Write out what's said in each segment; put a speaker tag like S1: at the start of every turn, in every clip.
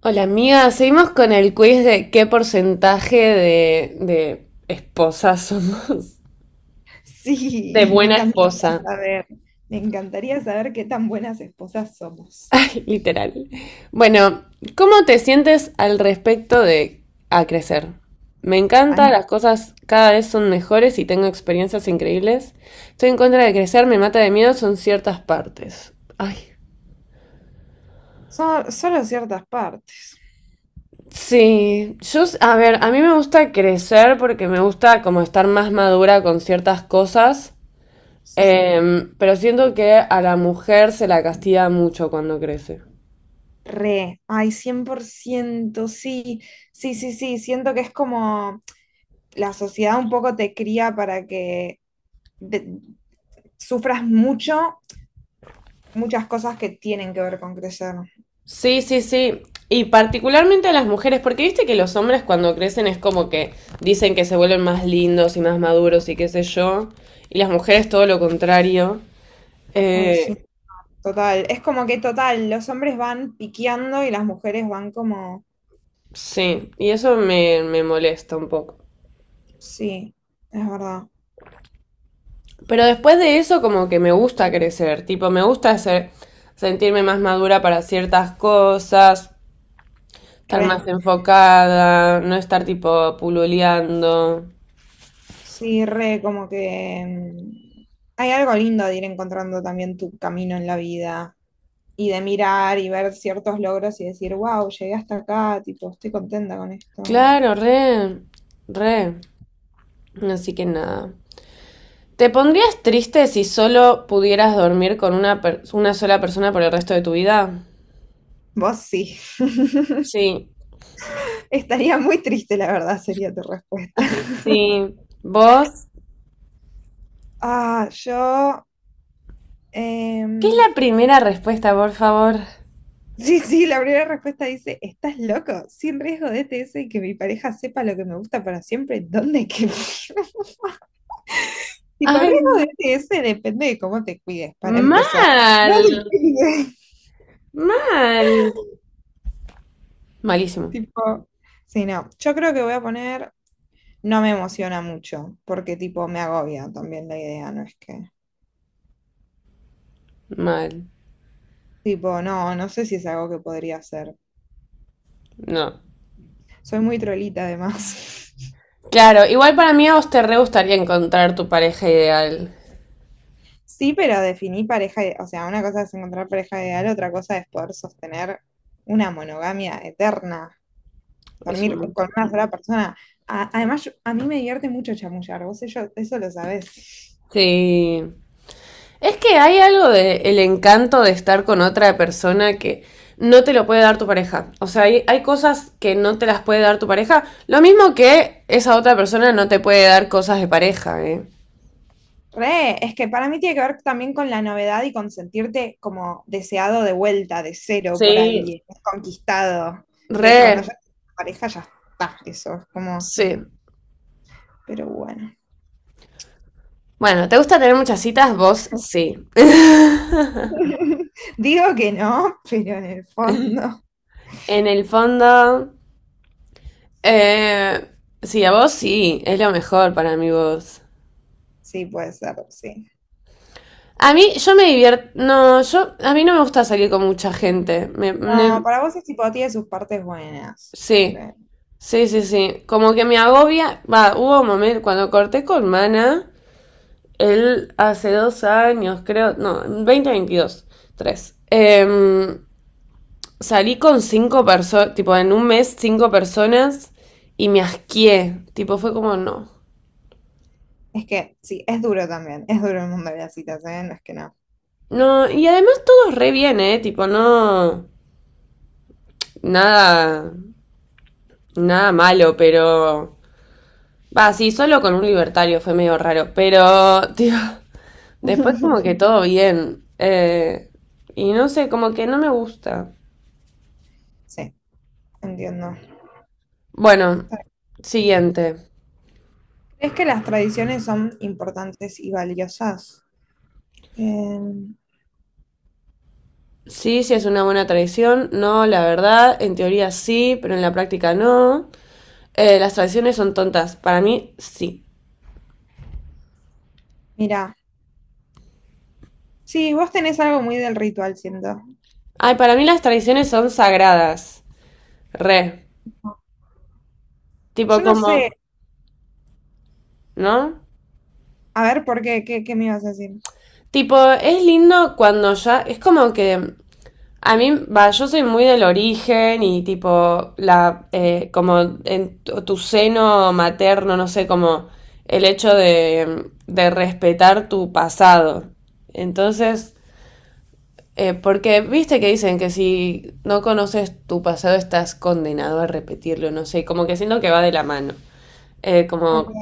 S1: Hola amiga, seguimos con el quiz de qué porcentaje de esposas somos. De
S2: Sí,
S1: buena esposa,
S2: saber, me encantaría saber qué tan buenas esposas somos.
S1: literal. Bueno, ¿cómo te sientes al respecto de a crecer? Me encanta,
S2: Ay,
S1: las cosas cada vez son mejores y tengo experiencias increíbles. Estoy en contra de crecer, me mata de miedo, son ciertas partes. Ay.
S2: solo ciertas partes,
S1: Sí, yo, a ver, a mí me gusta crecer porque me gusta como estar más madura con ciertas cosas.
S2: sí.
S1: Pero siento que a la mujer se la castiga mucho cuando crece.
S2: Re, ay, 100% sí, sí, sí, sí, siento que es como la sociedad un poco te cría para que de- sufras mucho, muchas cosas que tienen que ver con crecer.
S1: Sí, sí, sí. Y particularmente a las mujeres, porque viste que los hombres cuando crecen es como que dicen que se vuelven más lindos y más maduros y qué sé yo. Y las mujeres todo lo contrario.
S2: Ay, sí,
S1: Eh,
S2: total, es como que total, los hombres van piqueando y las mujeres van como,
S1: sí, y eso me molesta un poco.
S2: sí, es verdad,
S1: Pero después de eso como que me gusta crecer, tipo, me gusta sentirme más madura para ciertas cosas, estar más
S2: re.
S1: enfocada, no estar tipo pululeando.
S2: Sí, re, como que hay algo lindo de ir encontrando también tu camino en la vida y de mirar y ver ciertos logros y decir, wow, llegué hasta acá, tipo, estoy contenta con esto.
S1: Claro, re, re. Así que nada. ¿Te pondrías triste si solo pudieras dormir con una sola persona por el resto de tu vida?
S2: Vos sí.
S1: Sí.
S2: Estaría muy triste, la verdad, sería tu respuesta.
S1: Ay, sí. ¿Vos?
S2: Ah,
S1: ¿Qué es
S2: em,
S1: la primera respuesta, por favor?
S2: sí, sí, la primera respuesta dice, ¿estás loco? Sin riesgo de ETS y que mi pareja sepa lo que me gusta para siempre, Tipo, el
S1: Ay,
S2: riesgo
S1: no.
S2: de ese depende de cómo te cuides, para empezar. No
S1: Mal.
S2: te cuides.
S1: Mal. Malísimo.
S2: Tipo, sí, no. Yo creo que voy a poner, no me emociona mucho, porque tipo me agobia también la idea, no es que.
S1: Mal.
S2: Tipo, no, no sé si es algo que podría hacer.
S1: No.
S2: Soy muy trolita además.
S1: Claro, igual para mí a vos te re gustaría encontrar tu pareja ideal.
S2: Sí, pero definí pareja, o sea, una cosa es encontrar pareja ideal, otra cosa es poder sostener una monogamia eterna,
S1: Es un
S2: dormir con
S1: montón.
S2: una sola persona. Además, a mí me divierte mucho chamullar, vos eso lo sabés.
S1: Sí. Es que hay algo de el encanto de estar con otra persona que no te lo puede dar tu pareja. O sea, hay cosas que no te las puede dar tu pareja. Lo mismo que esa otra persona no te puede dar cosas de pareja, ¿eh?
S2: Re, es que para mí tiene que ver también con la novedad y con sentirte como deseado de vuelta, de cero por
S1: Sí.
S2: alguien, conquistado, que cuando
S1: Re,
S2: ya tienes una pareja ya está, eso es como,
S1: sí.
S2: pero bueno.
S1: Bueno, ¿te gusta tener muchas citas? Vos sí.
S2: Digo que no, pero en el fondo
S1: En el fondo, eh, sí, a vos sí, es lo mejor para mí vos.
S2: sí puede ser, sí.
S1: A mí, yo me divierto. No, yo. A mí no me gusta salir con mucha gente.
S2: No, para vos es tipo, tiene sus partes buenas, como
S1: Sí.
S2: que,
S1: Sí, sí, sí. Como que me agobia. Va, hubo un momento cuando corté con Mana. Él hace 2 años, creo. No, veinte, veintidós, tres. Salí con cinco personas. Tipo, en un mes, cinco personas. Y me asqué. Tipo, fue como no.
S2: es que sí, es duro también, es duro el mundo de las citas, ¿eh? No es que no.
S1: No, y además todo re bien, ¿eh? Tipo, no. Nada. Nada malo, pero. Va, sí, solo con un libertario fue medio raro, pero, tío, después como que todo bien. Y no sé, como que no me gusta.
S2: Sí, entiendo.
S1: Bueno, siguiente.
S2: ¿Crees que las tradiciones son importantes y valiosas? Eh,
S1: Sí, sí es una buena tradición. No, la verdad, en teoría sí, pero en la práctica no. Las tradiciones son tontas. Para mí, sí.
S2: Mira, sí, vos tenés algo muy del ritual, siento.
S1: Ay, para mí las tradiciones son sagradas. Re. Tipo
S2: Yo no
S1: como,
S2: sé,
S1: ¿no?
S2: a ver, ¿por qué? ¿Qué me ibas a decir?
S1: Tipo, es lindo cuando ya, es como que a mí, va, yo soy muy del origen y tipo, como en tu seno materno, no sé, como el hecho de respetar tu pasado. Entonces, porque viste que dicen que si no conoces tu pasado estás condenado a repetirlo, no sé, como que siento que va de la mano.
S2: Ok,
S1: Como sí,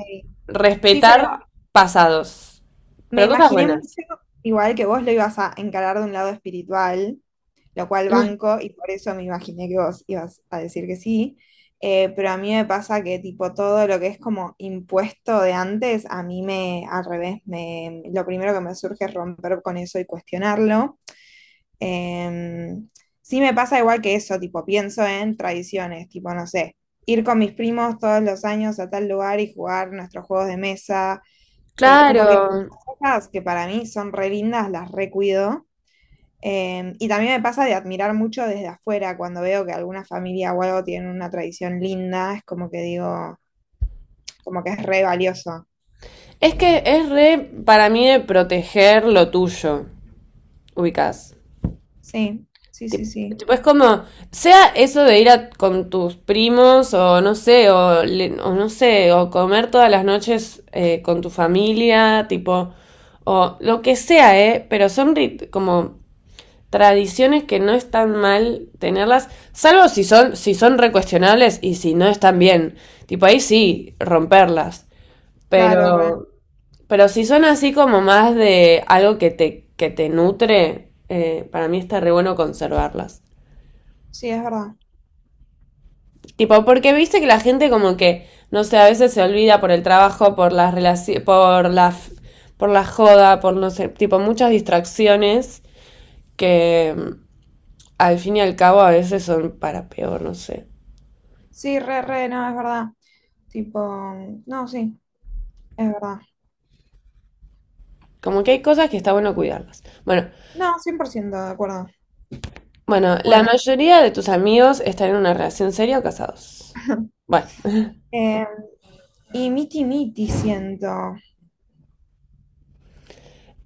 S2: sí, pero
S1: respetar pasados,
S2: me
S1: pero cosas
S2: imaginé mucho,
S1: buenas.
S2: igual que vos lo ibas a encarar de un lado espiritual. Lo cual banco y por eso me imaginé que vos ibas a decir que sí. Pero a mí me pasa que tipo todo lo que es como impuesto de antes, a mí me, al revés, me, lo primero que me surge es romper con eso y cuestionarlo. Eh, sí me pasa igual que eso, tipo pienso en tradiciones, tipo no sé, ir con mis primos todos los años a tal lugar y jugar nuestros juegos de mesa, como que
S1: Claro,
S2: cosas que para mí son re lindas, las recuido y también me pasa de admirar mucho desde afuera, cuando veo que alguna familia o algo tiene una tradición linda, es como que digo, como que es re valioso.
S1: es que es re para mí de proteger lo tuyo. Ubicás.
S2: Sí, sí, sí,
S1: Tip-
S2: sí.
S1: Tipo, es como, sea eso de ir con tus primos o no sé, o, o no sé, o comer todas las noches con tu familia, tipo, o lo que sea, ¿eh? Pero son como tradiciones que no están mal tenerlas, salvo si son, si son recuestionables y si no están bien. Tipo, ahí sí, romperlas.
S2: Claro, re.
S1: Pero... Pero si son así como más de algo que te, nutre, para mí está re bueno conservarlas.
S2: Sí, es verdad.
S1: Tipo, porque viste que la gente como que, no sé, a veces se olvida por el trabajo, por las relaciones por la joda, por no sé, tipo muchas distracciones que al fin y al cabo a veces son para peor, no sé.
S2: Sí, re, re, no, es verdad. Tipo, no, sí, es verdad.
S1: Como que hay cosas que está bueno cuidarlas. Bueno,
S2: No, 100% de acuerdo.
S1: bueno, la
S2: Bueno,
S1: mayoría de tus amigos están en una relación seria o casados. Bueno.
S2: eh, y miti miti siento.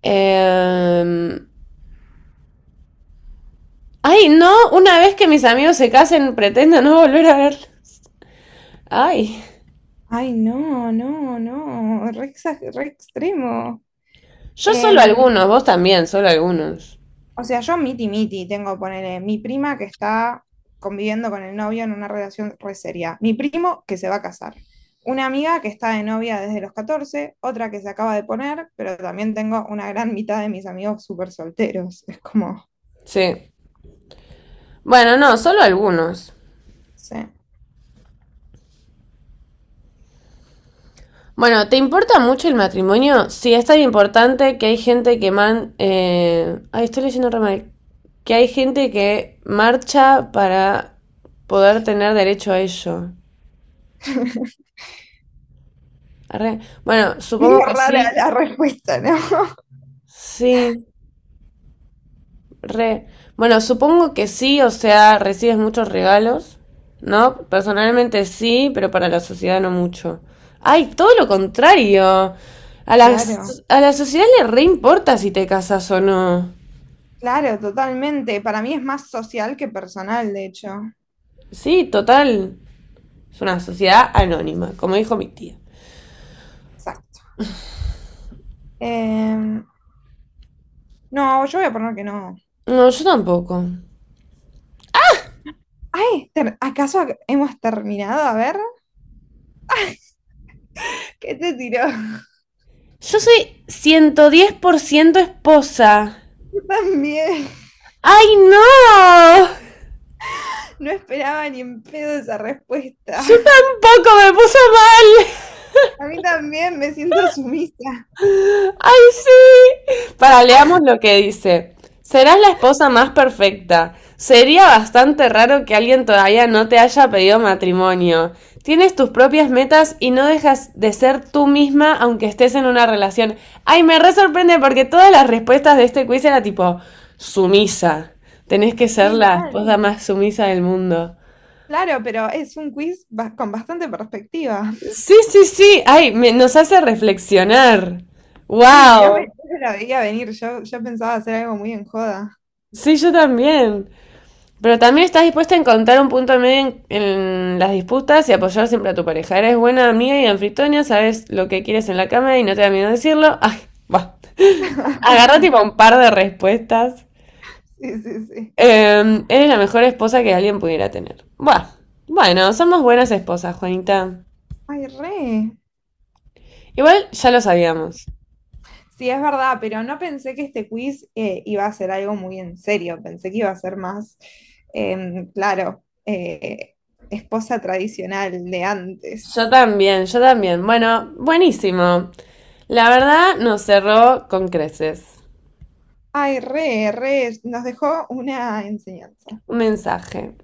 S1: Em, Ay, no, una vez que mis amigos se casen, pretendo no volver a ver. Ay,
S2: Ay, no, no, no, re, re extremo.
S1: yo solo
S2: Em,
S1: algunos, vos también, solo algunos.
S2: O sea, yo miti miti tengo, ponele, mi prima que está conviviendo con el novio en una relación re seria, mi primo que se va a casar, una amiga que está de novia desde los 14, otra que se acaba de poner, pero también tengo una gran mitad de mis amigos súper solteros. Es como, no.
S1: Sí. Bueno, no, solo algunos. Bueno, ¿te importa mucho el matrimonio? Sí, es tan importante que hay gente que man... Ay, estoy leyendo re mal. Que hay gente que marcha para poder tener derecho a ello. Arre. Bueno, supongo
S2: Medio
S1: que
S2: rara
S1: sí.
S2: la respuesta, ¿no?
S1: Sí. Re. Bueno, supongo que sí, o sea, recibes muchos regalos, ¿no? Personalmente sí, pero para la sociedad no mucho. Ay, todo lo contrario. A la,
S2: Claro,
S1: a la sociedad le re importa si te casas o no.
S2: claro, totalmente. Para mí es más social que personal, de hecho.
S1: Sí, total. Es una sociedad anónima, como dijo mi tía.
S2: Exacto. Em, no, yo voy a poner que no.
S1: No, yo tampoco.
S2: Ay, ¿acaso hemos terminado? A ver. ¿Qué te tiró?
S1: Yo soy 110% esposa.
S2: Yo también.
S1: ¡Ay, no!
S2: No esperaba ni en pedo esa respuesta.
S1: Yo tampoco me puso mal.
S2: A mí también me siento sumisa.
S1: ¡Ay, sí! Para, leamos lo que dice. Serás la esposa más perfecta. Sería bastante raro que alguien todavía no te haya pedido matrimonio. Tienes tus propias metas y no dejas de ser tú misma aunque estés en una relación. Ay, me re sorprende porque todas las respuestas de este quiz era tipo sumisa. Tenés que ser
S2: Sí,
S1: la
S2: mal.
S1: esposa más sumisa del mundo.
S2: Claro, pero es un quiz con bastante perspectiva.
S1: Sí, sí, sí. Ay, nos hace reflexionar.
S2: Sí, no me,
S1: Wow.
S2: no me la veía venir. Yo pensaba hacer algo muy en joda.
S1: Sí, yo también. Pero también estás dispuesta a encontrar un punto medio en las disputas y apoyar siempre a tu pareja. Eres buena amiga y anfitriona, sabes lo que quieres en la cama y no te da miedo decirlo. Ay, va. Agarra tipo un par de respuestas.
S2: Sí, sí, sí.
S1: Eres la mejor esposa que alguien pudiera tener. Buah. Bueno, somos buenas esposas, Juanita.
S2: Ay, re.
S1: Igual ya lo sabíamos.
S2: Sí, es verdad, pero no pensé que este quiz iba a ser algo muy en serio. Pensé que iba a ser más, claro, esposa tradicional de
S1: Yo
S2: antes.
S1: también, yo también. Bueno, buenísimo. La verdad nos cerró con creces.
S2: Ay, re, re, nos dejó una enseñanza.
S1: Un mensaje.